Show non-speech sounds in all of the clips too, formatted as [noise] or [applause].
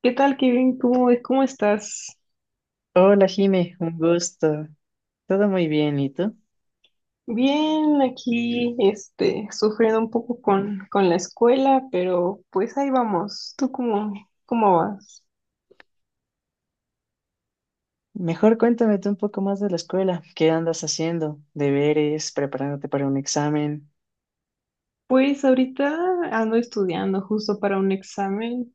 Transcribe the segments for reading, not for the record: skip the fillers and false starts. ¿Qué tal, Kevin? ¿Cómo, cómo estás? Hola Jime, un gusto. Todo muy bien, ¿y tú? Bien, aquí, sufriendo un poco con la escuela, pero pues ahí vamos. ¿Tú cómo, cómo vas? Mejor cuéntame tú un poco más de la escuela. ¿Qué andas haciendo? ¿Deberes? ¿Preparándote para un examen? Pues ahorita ando estudiando justo para un examen,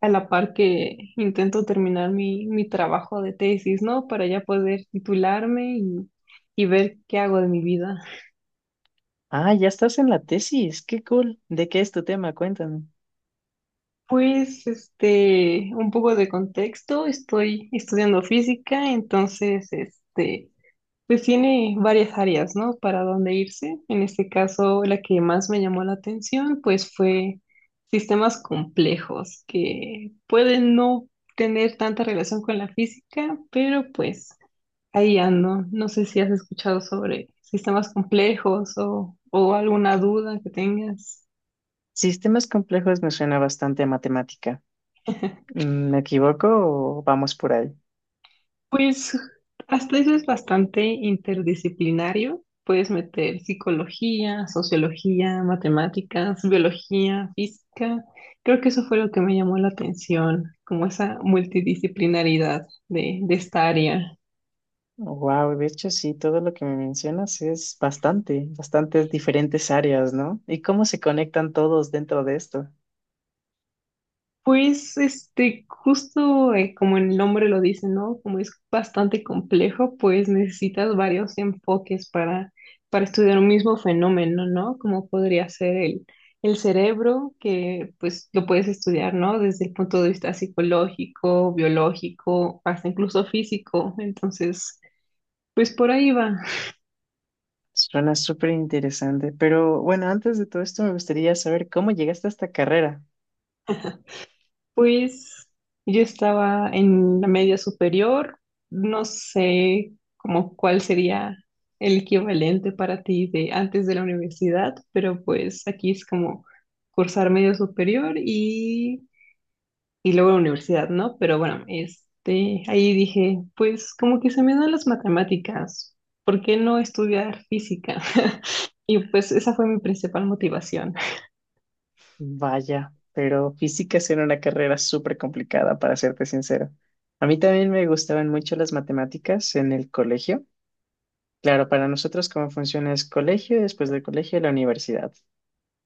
a la par que intento terminar mi trabajo de tesis, ¿no? Para ya poder titularme y ver qué hago de mi vida. Ah, ya estás en la tesis. Qué cool. ¿De qué es tu tema? Cuéntame. Pues, un poco de contexto, estoy estudiando física, entonces, Pues tiene varias áreas, ¿no? Para dónde irse. En este caso, la que más me llamó la atención, pues fue sistemas complejos que pueden no tener tanta relación con la física, pero pues ahí ando. No sé si has escuchado sobre sistemas complejos o alguna duda que tengas. Sistemas complejos me suena bastante a matemática. [laughs] Mm, ¿me equivoco o vamos por ahí? Pues hasta eso es bastante interdisciplinario. Puedes meter psicología, sociología, matemáticas, biología, física. Creo que eso fue lo que me llamó la atención, como esa multidisciplinaridad de esta área. Wow, de hecho sí, todo lo que me mencionas es bastante, bastantes diferentes áreas, ¿no? ¿Y cómo se conectan todos dentro de esto? Pues, justo como el nombre lo dice, ¿no? Como es bastante complejo, pues necesitas varios enfoques para estudiar un mismo fenómeno, ¿no? Como podría ser el cerebro, que pues lo puedes estudiar, ¿no? Desde el punto de vista psicológico, biológico, hasta incluso físico. Entonces, pues por ahí va. Suena súper interesante, pero bueno, antes de todo esto me gustaría saber cómo llegaste a esta carrera. Pues yo estaba en la media superior, no sé como cuál sería el equivalente para ti de antes de la universidad, pero pues aquí es como cursar media superior y luego la universidad, ¿no? Pero bueno, este, ahí dije, pues como que se me dan las matemáticas, ¿por qué no estudiar física? [laughs] Y pues esa fue mi principal motivación. Vaya, pero física era una carrera súper complicada, para serte sincero. A mí también me gustaban mucho las matemáticas en el colegio. Claro, para nosotros cómo funciona es colegio, después del colegio la universidad.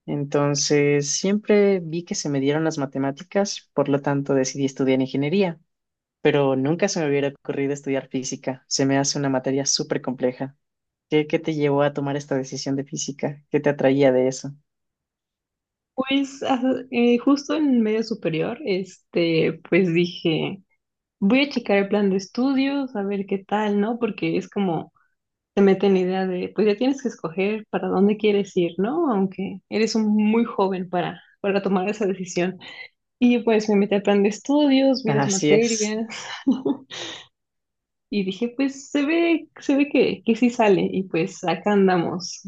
Entonces, siempre vi que se me dieron las matemáticas, por lo tanto decidí estudiar ingeniería, pero nunca se me hubiera ocurrido estudiar física. Se me hace una materia súper compleja. ¿Qué te llevó a tomar esta decisión de física? ¿Qué te atraía de eso? Pues ah, justo en medio superior, este, pues dije, voy a checar el plan de estudios, a ver qué tal, ¿no? Porque es como, te meten la idea de, pues ya tienes que escoger para dónde quieres ir, ¿no? Aunque eres un muy joven para tomar esa decisión. Y pues me metí al plan de estudios, vi las Así es. materias [laughs] y dije, pues se ve que sí sale y pues acá andamos.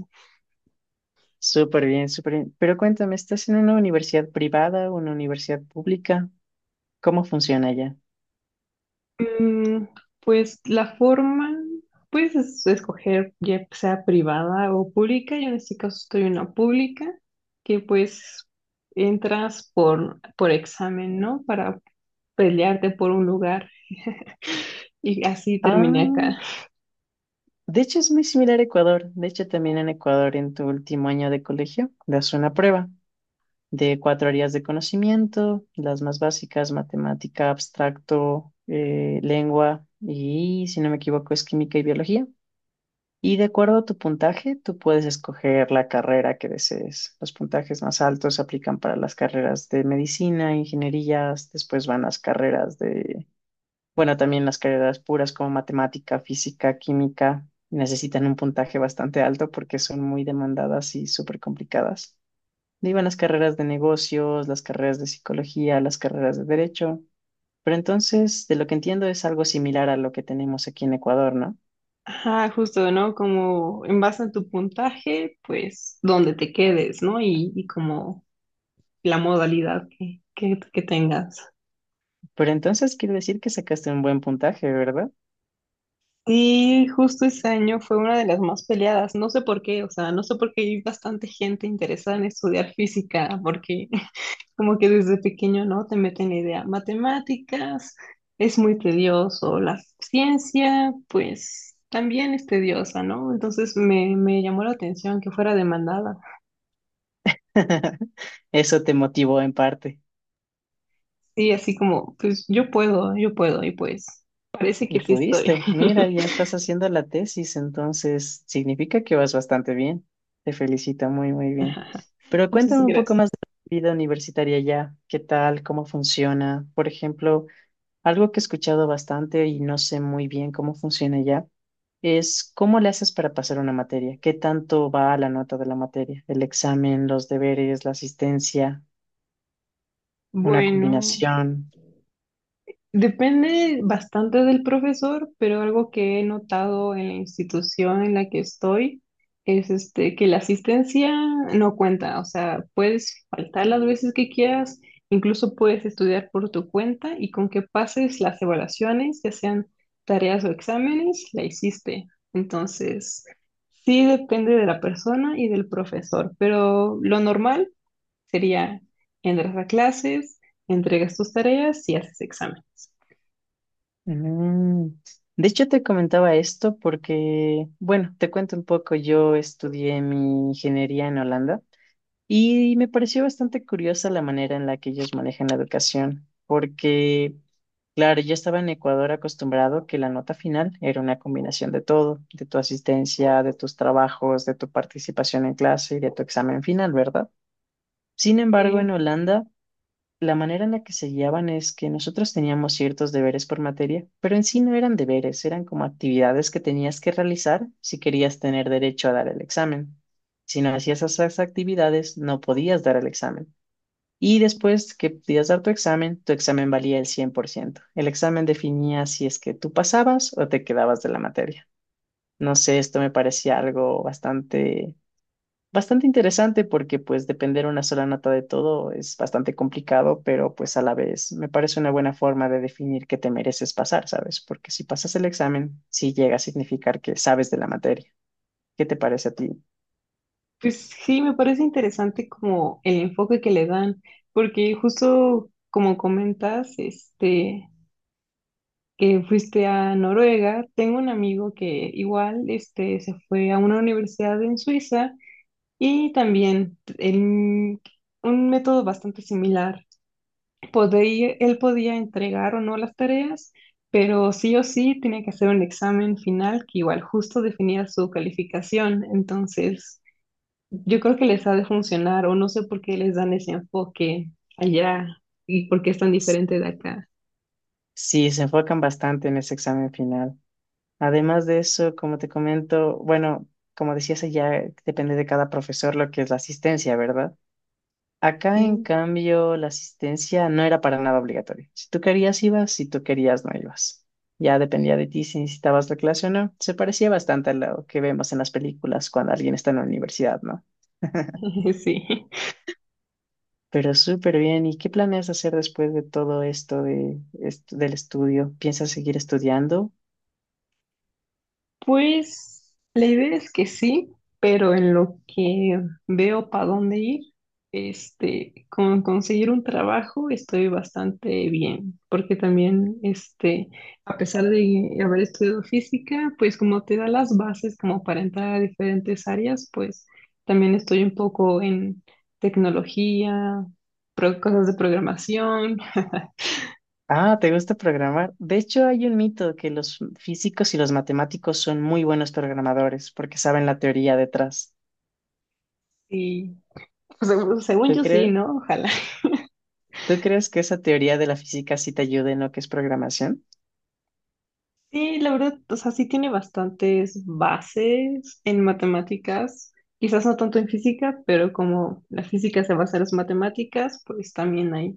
Súper bien, súper bien. Pero cuéntame, ¿estás en una universidad privada o una universidad pública? ¿Cómo funciona allá? Mm, pues la forma, puedes escoger ya sea privada o pública. Yo en este caso estoy en la pública, que pues entras por examen, ¿no? Para pelearte por un lugar. [laughs] Y así terminé acá. Ah, de hecho es muy similar a Ecuador. De hecho, también en Ecuador, en tu último año de colegio, das una prueba de cuatro áreas de conocimiento, las más básicas, matemática, abstracto, lengua y, si no me equivoco, es química y biología. Y de acuerdo a tu puntaje, tú puedes escoger la carrera que desees. Los puntajes más altos se aplican para las carreras de medicina, ingenierías, después van las carreras de, bueno, también las carreras puras como matemática, física, química. Necesitan un puntaje bastante alto porque son muy demandadas y súper complicadas. De ahí van las carreras de negocios, las carreras de psicología, las carreras de derecho. Pero entonces, de lo que entiendo, es algo similar a lo que tenemos aquí en Ecuador, ¿no? Ajá, justo, ¿no? Como en base a tu puntaje, pues donde te quedes, ¿no? Y como la modalidad que tengas. Pero entonces quiere decir que sacaste un buen puntaje, ¿verdad? Sí, justo ese año fue una de las más peleadas. No sé por qué, o sea, no sé por qué hay bastante gente interesada en estudiar física, porque [laughs] como que desde pequeño, ¿no? Te meten la idea, matemáticas, es muy tedioso, la ciencia, pues también es tediosa, ¿no? Entonces me llamó la atención que fuera demandada. [laughs] Eso te motivó en parte. Sí, así como, pues yo puedo, y pues parece que Y sí estoy. pudiste. Mira, ya [laughs] estás haciendo la tesis, entonces significa que vas bastante bien. Te felicito, muy, muy bien. Pero Muchas cuéntame un poco gracias. más de tu vida universitaria ya. ¿Qué tal? ¿Cómo funciona? Por ejemplo, algo que he escuchado bastante y no sé muy bien cómo funciona ya es cómo le haces para pasar una materia. ¿Qué tanto va a la nota de la materia? El examen, los deberes, la asistencia. Una Bueno. combinación. Depende bastante del profesor, pero algo que he notado en la institución en la que estoy es este, que la asistencia no cuenta, o sea, puedes faltar las veces que quieras, incluso puedes estudiar por tu cuenta y con que pases las evaluaciones, ya sean tareas o exámenes, la hiciste. Entonces, sí depende de la persona y del profesor, pero lo normal sería entras a clases, entregas tus tareas y haces exámenes. Mm. De hecho, te comentaba esto porque, bueno, te cuento un poco, yo estudié mi ingeniería en Holanda y me pareció bastante curiosa la manera en la que ellos manejan la educación, porque, claro, yo estaba en Ecuador acostumbrado que la nota final era una combinación de todo, de tu asistencia, de tus trabajos, de tu participación en clase y de tu examen final, ¿verdad? Sin embargo, en Sí, Holanda, la manera en la que se guiaban es que nosotros teníamos ciertos deberes por materia, pero en sí no eran deberes, eran como actividades que tenías que realizar si querías tener derecho a dar el examen. Si no hacías esas actividades, no podías dar el examen. Y después que podías dar tu examen valía el 100%. El examen definía si es que tú pasabas o te quedabas de la materia. No sé, esto me parecía algo bastante, bastante interesante porque pues depender una sola nota de todo es bastante complicado, pero pues a la vez me parece una buena forma de definir que te mereces pasar, ¿sabes? Porque si pasas el examen, sí llega a significar que sabes de la materia. ¿Qué te parece a ti? pues sí, me parece interesante como el enfoque que le dan, porque justo como comentas, este, que fuiste a Noruega, tengo un amigo que igual, este, se fue a una universidad en Suiza y también en un método bastante similar. Podía, él podía entregar o no las tareas, pero sí o sí tenía que hacer un examen final que igual justo definía su calificación, entonces yo creo que les ha de funcionar, o no sé por qué les dan ese enfoque allá y por qué es tan S- diferente de acá. Sí, se enfocan bastante en ese examen final. Además de eso, como te comento, bueno, como decías ya depende de cada profesor lo que es la asistencia, ¿verdad? Acá, en Sí, cambio, la asistencia no era para nada obligatoria. Si tú querías, ibas, si tú querías, no ibas. Ya dependía de ti si necesitabas la clase o no. Se parecía bastante a lo que vemos en las películas cuando alguien está en la universidad, ¿no? [laughs] sí. Pero súper bien. ¿Y qué planeas hacer después de todo esto de, del estudio? ¿Piensas seguir estudiando? Pues la idea es que sí, pero en lo que veo para dónde ir, este, con conseguir un trabajo estoy bastante bien, porque también, este, a pesar de haber estudiado física, pues como te da las bases como para entrar a diferentes áreas, pues también estoy un poco en tecnología, cosas de programación Ah, ¿te gusta programar? De hecho, hay un mito que los físicos y los matemáticos son muy buenos programadores porque saben la teoría detrás. y pues, según según ¿Tú yo sí, crees? ¿no? Ojalá. ¿Tú crees que esa teoría de la física sí te ayuda en lo que es programación? Sí, la verdad, o sea, sí tiene bastantes bases en matemáticas, quizás no tanto en física, pero como la física se basa en las matemáticas, pues también hay,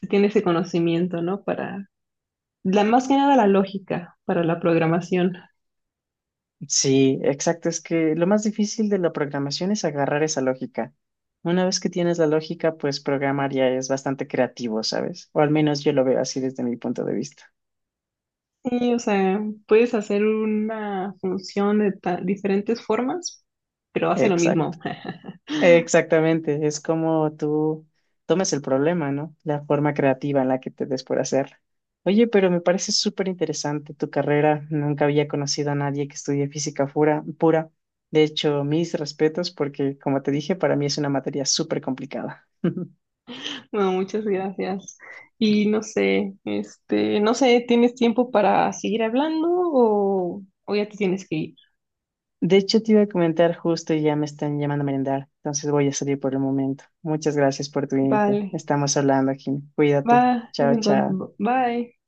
se tiene ese conocimiento, ¿no? Para, la, más que nada la lógica para la programación. Sí, exacto. Es que lo más difícil de la programación es agarrar esa lógica. Una vez que tienes la lógica, pues programar ya es bastante creativo, ¿sabes? O al menos yo lo veo así desde mi punto de vista. Sí, o sea, puedes hacer una función de diferentes formas, pero hace lo Exacto. mismo. [laughs] Exactamente, es como tú tomes el problema, ¿no? La forma creativa en la que te des por hacer. Oye, pero me parece súper interesante tu carrera. Nunca había conocido a nadie que estudie física pura, pura. De hecho, mis respetos porque, como te dije, para mí es una materia súper complicada. [laughs] Bueno, muchas gracias. Y no sé, este, no sé, ¿tienes tiempo para seguir hablando o ya te tienes que ir? De hecho, te iba a comentar justo y ya me están llamando a merendar, entonces voy a salir por el momento. Muchas gracias por tu info. Vale. Estamos hablando, Jim. Cuídate. Va, es Chao, en chao. cuanto. Bye.